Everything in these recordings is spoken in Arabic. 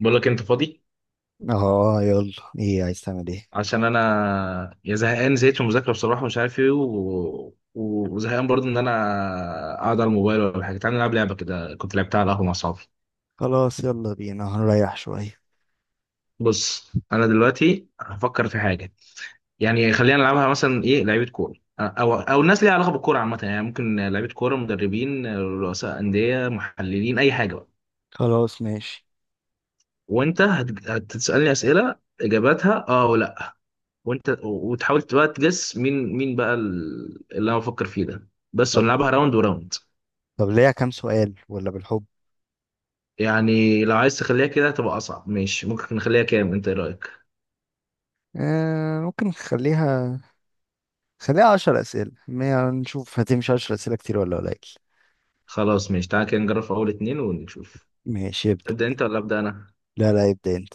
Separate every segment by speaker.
Speaker 1: بقول لك انت فاضي.
Speaker 2: اه، يلا. ايه عايز تعمل ايه؟
Speaker 1: عشان انا يا زهقان زهقت من المذاكره بصراحه، مش عارف ايه، وزهقان برضه ان انا اقعد على الموبايل ولا حاجه. تعالى نلعب لعبه كده كنت لعبتها على القهوه مع اصحابي.
Speaker 2: خلاص يلا بينا هنريح شوية.
Speaker 1: بص انا دلوقتي هفكر في حاجه، يعني خلينا نلعبها مثلا، ايه، لعيبه كوره، او الناس ليها علاقه بالكوره عامه، يعني ممكن لعيبه كوره، مدربين، رؤساء انديه، محللين، اي حاجه بقى.
Speaker 2: خلاص ماشي.
Speaker 1: وانت هتسالني اسئله اجاباتها اه ولا؟ وانت وتحاول بقى تجس مين مين بقى اللي انا بفكر فيه ده، بس
Speaker 2: طب
Speaker 1: ونلعبها راوند وراوند.
Speaker 2: طب ليها كام سؤال ولا بالحب؟
Speaker 1: يعني لو عايز تخليها كده هتبقى اصعب، ماشي، ممكن نخليها كام؟ انت ايه رايك؟
Speaker 2: آه ممكن نخليها، خليها عشر أسئلة ما نشوف هتمشي عشر أسئلة كتير ولا قليل.
Speaker 1: خلاص ماشي، تعالى كده نجرب في اول اتنين ونشوف.
Speaker 2: ماشي ابدأ.
Speaker 1: تبدا انت ولا ابدا انا؟
Speaker 2: لا لا، ابدأ انت.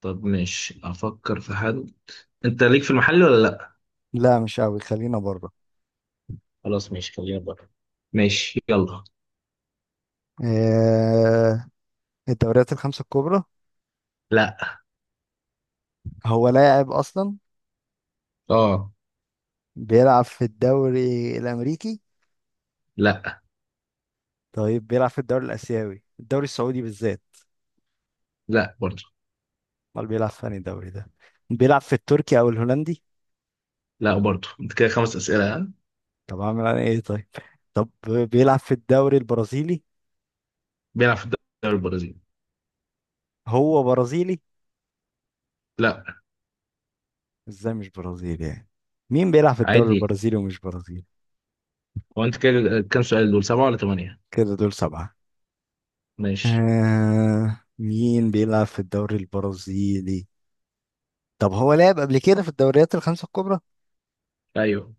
Speaker 1: طب ماشي افكر في حد. انت ليك في المحل ولا لا؟
Speaker 2: لا مش قوي، خلينا بره.
Speaker 1: خلاص ماشي خلينا بره. ماشي يلا.
Speaker 2: آه، الدوريات الخمسة الكبرى؟
Speaker 1: لا.
Speaker 2: هو لاعب أصلا؟
Speaker 1: اه.
Speaker 2: بيلعب في الدوري الأمريكي؟
Speaker 1: لا.
Speaker 2: طيب بيلعب في الدوري الآسيوي، الدوري السعودي بالذات؟
Speaker 1: لا برضه.
Speaker 2: امال بيلعب في أنهي دوري ده؟ بيلعب في التركي او الهولندي؟
Speaker 1: لا برضه، انت كده خمس اسئله ها؟
Speaker 2: طب اعمل انا ايه طيب. طب بيلعب في الدوري البرازيلي.
Speaker 1: بيلعب في الدوري البرازيلي.
Speaker 2: هو برازيلي؟
Speaker 1: لا.
Speaker 2: ازاي مش برازيلي يعني؟ مين بيلعب في الدوري
Speaker 1: عادي.
Speaker 2: البرازيلي ومش برازيلي؟
Speaker 1: هو انت كده كام سؤال، دول سبعه ولا ثمانيه؟
Speaker 2: كده دول سبعة.
Speaker 1: ماشي.
Speaker 2: آه، مين بيلعب في الدوري البرازيلي؟ طب هو لعب قبل كده في الدوريات الخمسة الكبرى؟
Speaker 1: ايوه.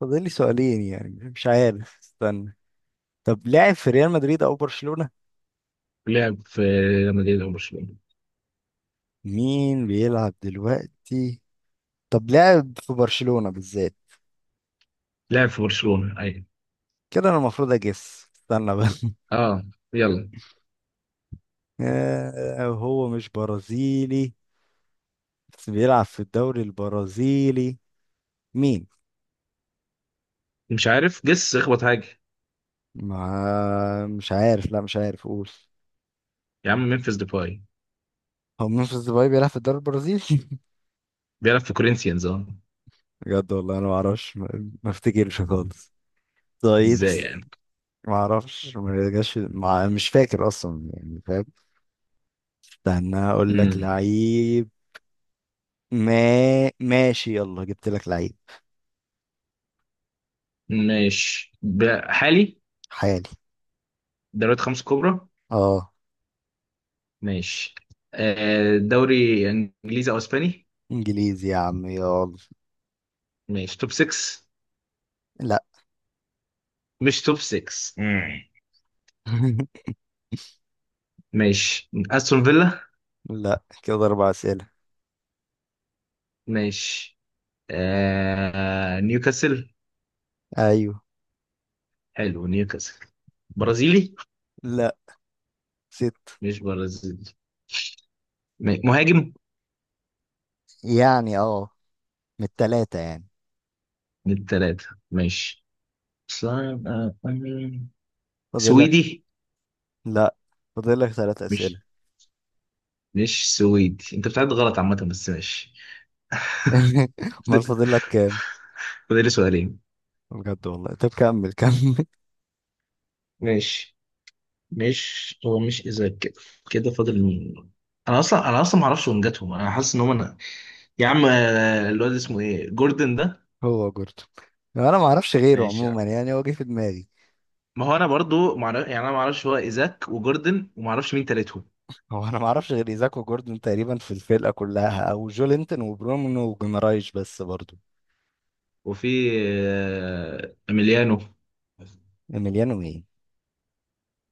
Speaker 2: فاضل لي سؤالين يعني، مش عارف، استنى. طب لعب في ريال مدريد او برشلونة؟
Speaker 1: لعب في ريال مدريد او برشلونه.
Speaker 2: مين بيلعب دلوقتي؟ طب لعب في برشلونة بالذات؟
Speaker 1: لعب في برشلونه ايوه.
Speaker 2: كده انا المفروض اجس، استنى بس.
Speaker 1: اه. يلا.
Speaker 2: آه، هو مش برازيلي بس بيلعب في الدوري البرازيلي؟ مين؟
Speaker 1: مش عارف، جس اخبط حاجه.
Speaker 2: ما مش عارف، لا مش عارف، قول.
Speaker 1: يا عم ممفيس ديباي.
Speaker 2: هو منفذ ديباي بيلعب في الدوري البرازيلي؟
Speaker 1: بيلعب في كورinthians اه.
Speaker 2: بجد والله انا ما اعرفش، ما افتكرش خالص. طيب
Speaker 1: ازاي يعني؟
Speaker 2: ما اعرفش، ما جاش، ما مش فاكر اصلا يعني فاهم. استنى اقول لك
Speaker 1: امم
Speaker 2: لعيب. ما ماشي، يلا جبت لك لعيب.
Speaker 1: ماشي. حالي.
Speaker 2: حالي.
Speaker 1: دوريات خمس كبرى.
Speaker 2: اه.
Speaker 1: ماشي. آه دوري انجليزي او اسباني.
Speaker 2: انجليزي يا عم، يلا.
Speaker 1: ماشي. توب 6.
Speaker 2: لا.
Speaker 1: مش توب 6. مم. ماشي. استون فيلا.
Speaker 2: لا، كده أربع أسئلة.
Speaker 1: ماشي. آه نيوكاسل.
Speaker 2: أيوه.
Speaker 1: حلو نيوكاسل. برازيلي.
Speaker 2: لا، ست
Speaker 1: مش برازيلي. مهاجم.
Speaker 2: يعني. اه، من التلاتة يعني.
Speaker 1: من الثلاثة. ماشي. صعب أوي.
Speaker 2: فاضلك.
Speaker 1: سويدي.
Speaker 2: لا، فاضلك ثلاث أسئلة.
Speaker 1: مش مش سويدي، انت بتعد غلط عامة، بس ماشي.
Speaker 2: أمال
Speaker 1: فاضل
Speaker 2: فاضلك كام؟
Speaker 1: فاضل لي سؤالين.
Speaker 2: بجد والله، طب كمل كمل.
Speaker 1: ماشي. مش هو، مش اذا كده، كده فاضل مين؟ انا اصلا ما اعرفش وين جاتهم، انا حاسس ان هم انا. يا عم الواد اسمه ايه جوردن ده.
Speaker 2: هو جوردن. انا ما اعرفش غيره
Speaker 1: ماشي يا عم.
Speaker 2: عموما يعني، هو جه في دماغي.
Speaker 1: ما هو انا برضو ما اعرف، يعني انا ما اعرفش هو ايزاك وجوردن وما اعرفش مين تالتهم.
Speaker 2: هو أنا ما أعرفش غير إيزاك وجوردن تقريبا في الفرقة كلها، أو جولينتون وبرونو وجيمرايش بس برضو.
Speaker 1: وفي اميليانو.
Speaker 2: إيميليانو مين؟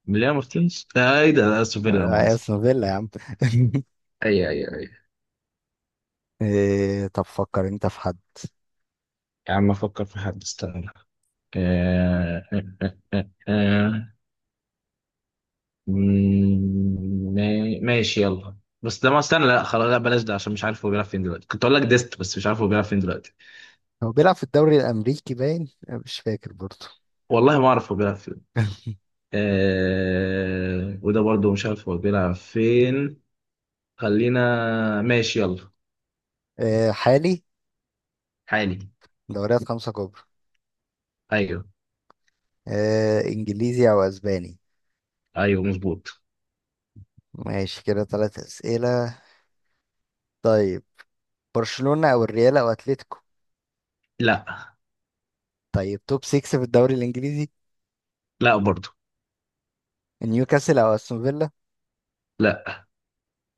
Speaker 1: مليان مارتينيز ايه ده سوبر لا
Speaker 2: آه،
Speaker 1: مؤاخذة.
Speaker 2: أستون فيلا يا عم.
Speaker 1: اي اي اي.
Speaker 2: إيه، طب فكر انت في حد.
Speaker 1: يا عم افكر في حد استنى. آه آه. آه آه. ماشي يلا، بس ده ما استنى لا خلاص لا بلاش ده، عشان مش عارف هو بيلعب فين دلوقتي، كنت اقول لك ديست بس مش عارف هو بيلعب فين دلوقتي.
Speaker 2: هو بيلعب في الدوري الأمريكي باين، مش فاكر برضه.
Speaker 1: والله ما اعرف هو بيلعب فين. وده برضو مش عارف هو بيلعب فين. خلينا. ماشي يلا
Speaker 2: آه، حالي.
Speaker 1: حالي.
Speaker 2: دوريات خمسة كبرى.
Speaker 1: ايوه.
Speaker 2: آه، إنجليزي أو أسباني.
Speaker 1: ايوه مظبوط.
Speaker 2: ماشي كده ثلاث أسئلة. طيب برشلونة أو الريال أو أتلتيكو؟
Speaker 1: لا.
Speaker 2: طيب توب 6 في الدوري الإنجليزي؟
Speaker 1: لا برضو.
Speaker 2: نيوكاسل أو أستون فيلا؟
Speaker 1: لا.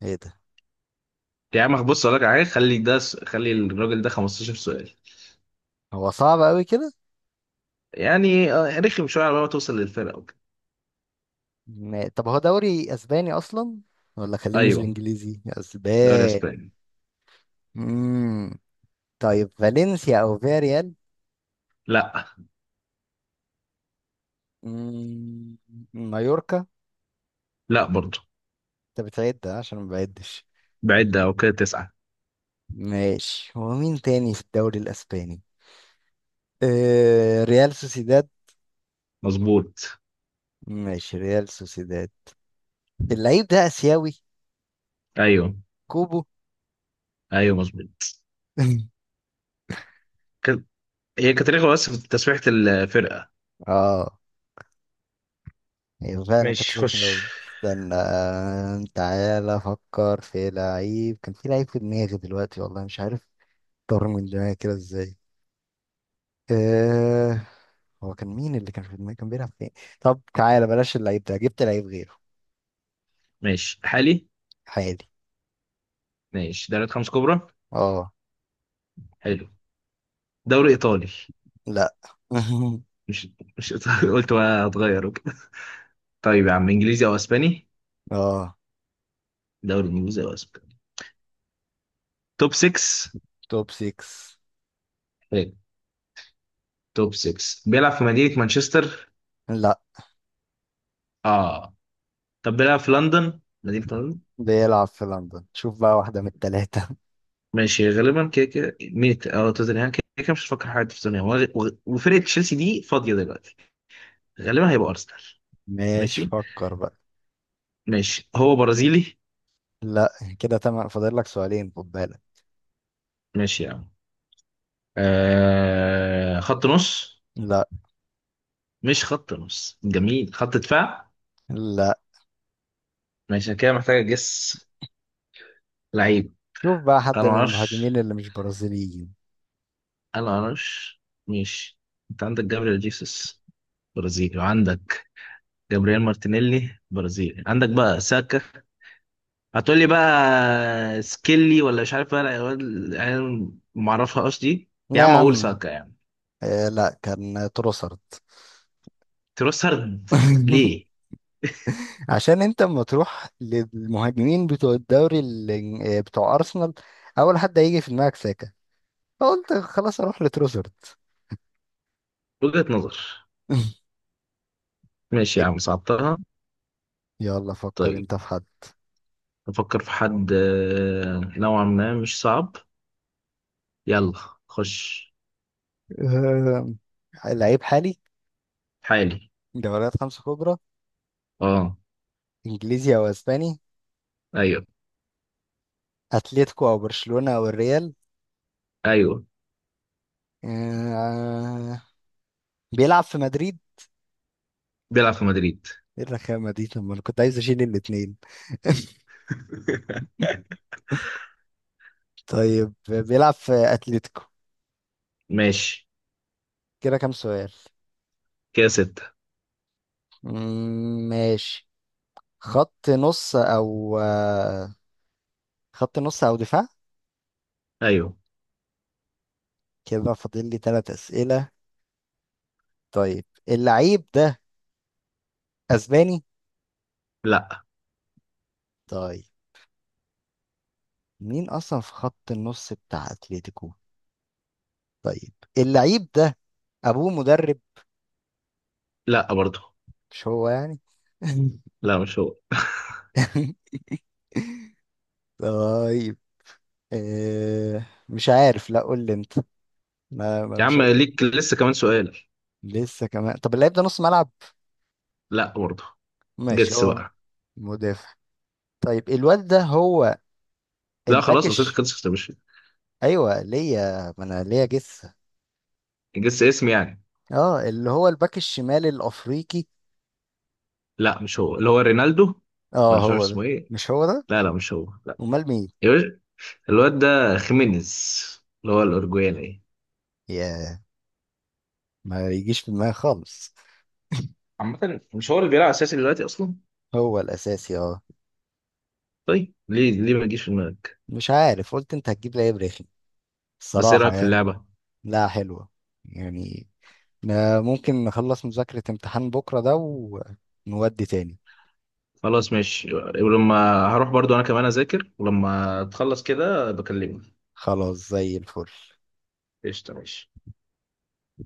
Speaker 2: إيه ده؟
Speaker 1: يا عم بص اقول لك على حاجه، خلي ده، خلي الراجل ده 15 سؤال،
Speaker 2: هو صعب أوي كده.
Speaker 1: يعني رخم شويه على ما توصل للفرقه وكده.
Speaker 2: طب هو دوري أسباني أصلا ولا؟ خليني في
Speaker 1: ايوه.
Speaker 2: الإنجليزي
Speaker 1: دوري
Speaker 2: أسباني.
Speaker 1: اسباني.
Speaker 2: مم. طيب فالنسيا أو فياريال؟
Speaker 1: لا.
Speaker 2: مم. مايوركا؟
Speaker 1: لا برضه.
Speaker 2: انت بتعد عشان ما بعدش.
Speaker 1: بعد او كده تسعه.
Speaker 2: ماشي، هو مين تاني في الدوري الاسباني؟ آه، ريال سوسيداد.
Speaker 1: مظبوط.
Speaker 2: ماشي، ريال سوسيداد. اللعيب ده اسيوي؟
Speaker 1: ايوه.
Speaker 2: كوبو؟
Speaker 1: ايوه مظبوط. كان- هي كانت رخمه بس في تسويحه الفرقه.
Speaker 2: اه. ايوه فعلا كانت
Speaker 1: ماشي
Speaker 2: رخمة
Speaker 1: خش.
Speaker 2: أوي. استنى، تعالى افكر في لعيب، كان في لعيب في دماغي دلوقتي والله مش عارف. طار من دماغي كده ازاي. آه. هو كان مين اللي كان في دماغي، كان بيلعب فين؟ طب تعالى بلاش اللعيب ده، جبت لعيب غيره.
Speaker 1: ماشي حالي.
Speaker 2: حالي.
Speaker 1: ماشي دوري خمس كبرى.
Speaker 2: اه.
Speaker 1: حلو. دوري ايطالي.
Speaker 2: لا.
Speaker 1: مش مش ايطالي قلت بقى هتغير وكده. طيب يا عم انجليزي او اسباني.
Speaker 2: اه،
Speaker 1: دوري انجليزي او اسباني. توب 6.
Speaker 2: توب 6.
Speaker 1: توب 6. بيلعب في مدينة مانشستر.
Speaker 2: لا.
Speaker 1: اه. طب بيلعب في لندن، مدينة لندن.
Speaker 2: بيلعب في لندن، شوف بقى واحدة من التلاتة.
Speaker 1: ماشي، غالبا كده كده ميت، اه توتنهام، كده كده مش هتفكر حاجة في توتنهام، وفرقة تشيلسي دي فاضية دلوقتي. غالبا هيبقى أرسنال.
Speaker 2: ماشي
Speaker 1: ماشي.
Speaker 2: فكر بقى.
Speaker 1: ماشي، هو برازيلي.
Speaker 2: لا. كده تمام، فاضل لك سؤالين، خد بالك.
Speaker 1: ماشي يا عم. خط نص.
Speaker 2: لا.
Speaker 1: مش خط نص جميل، خط دفاع.
Speaker 2: لا،
Speaker 1: ماشي أنا كده محتاج أجس. لعيب.
Speaker 2: شوف بقى
Speaker 1: أنا
Speaker 2: حد من المهاجمين
Speaker 1: معرفش.
Speaker 2: اللي مش برازيليين.
Speaker 1: أنا معرفش. ماشي. أنت عندك جابريل جيسوس برازيلي، وعندك جابرييل مارتينيلي برازيلي، عندك بقى ساكا، هتقول لي بقى سكيلي ولا مش عارف بقى العيال. العيال ما اعرفهاش دي
Speaker 2: لا
Speaker 1: يا
Speaker 2: يا
Speaker 1: عم، اقول
Speaker 2: عم.
Speaker 1: ساكا يعني.
Speaker 2: آه، لا كان تروسارد.
Speaker 1: تروسارد. ليه؟
Speaker 2: عشان انت اما تروح للمهاجمين بتوع الدوري بتوع ارسنال، اول حد هيجي في دماغك ساكا، فقلت خلاص اروح لتروسارد.
Speaker 1: وجهة نظر. ماشي يا عم صعبتها.
Speaker 2: يلا فكر
Speaker 1: طيب
Speaker 2: انت في حد.
Speaker 1: افكر في حد نوعا ما مش صعب. يلا خش.
Speaker 2: آه، لعيب حالي.
Speaker 1: حالي.
Speaker 2: دوريات خمسة كبرى.
Speaker 1: اه.
Speaker 2: انجليزي او اسباني.
Speaker 1: ايوه.
Speaker 2: اتلتيكو او برشلونة او الريال.
Speaker 1: ايوه
Speaker 2: آه... بيلعب في مدريد؟
Speaker 1: بيلعب في مدريد
Speaker 2: ايه الرخامة دي، طب ما انا كنت عايز اشيل الاتنين. طيب بيلعب في اتلتيكو؟
Speaker 1: ماشي.
Speaker 2: كده كام سؤال؟
Speaker 1: كده ستة.
Speaker 2: مم، ماشي. خط نص او آه، خط نص او دفاع؟
Speaker 1: ايوه.
Speaker 2: كده فاضل لي ثلاث اسئله. طيب اللعيب ده اسباني؟
Speaker 1: لا.
Speaker 2: طيب مين اصلا في خط النص بتاع اتلتيكو؟ طيب اللعيب ده ابوه مدرب؟
Speaker 1: لا برضه.
Speaker 2: مش هو يعني؟
Speaker 1: لا مش هو
Speaker 2: طيب آه، مش عارف، لا قول لي انت. ما ما-
Speaker 1: يا
Speaker 2: مش
Speaker 1: عم
Speaker 2: قد-
Speaker 1: ليك لسه كمان سؤال.
Speaker 2: لسه كمان، طب اللعيب ده نص ملعب؟
Speaker 1: لا برضه.
Speaker 2: ماشي،
Speaker 1: جس
Speaker 2: هو
Speaker 1: بقى.
Speaker 2: مدافع. طيب الواد ده هو
Speaker 1: لا
Speaker 2: الباك
Speaker 1: خلاص اصل
Speaker 2: الش؟
Speaker 1: خلصت يا باشا.
Speaker 2: ايوه ليا، ما انا ليا جثه.
Speaker 1: جس اسم يعني.
Speaker 2: اه، اللي هو الباك الشمال الافريقي.
Speaker 1: لا مش هو، اللي هو رينالدو ولا
Speaker 2: اه
Speaker 1: مش عارف
Speaker 2: هو ده.
Speaker 1: اسمه ايه؟
Speaker 2: مش هو ده؟
Speaker 1: لا لا مش هو لا.
Speaker 2: امال مين؟
Speaker 1: يا باشا الواد ده خيمينيز، اللي هو الاورجواني ايه.
Speaker 2: يا، ما يجيش في دماغي خالص.
Speaker 1: عامة مش هو اللي بيلعب اساسي دلوقتي اصلا.
Speaker 2: هو الاساسي اه.
Speaker 1: طيب ليه؟ ليه ما يجيش في دماغك؟
Speaker 2: مش عارف، قلت انت هتجيب لعيب رخم
Speaker 1: بس ايه
Speaker 2: الصراحه
Speaker 1: رايك في
Speaker 2: يعني.
Speaker 1: اللعبة؟
Speaker 2: لا، حلوه يعني. آه، ممكن نخلص مذاكرة امتحان بكرة ده ونودي تاني.
Speaker 1: خلاص ماشي ولما هروح برضو انا كمان اذاكر، ولما تخلص كده بكلمك.
Speaker 2: خلاص زي الفل.
Speaker 1: قشطة ماشي.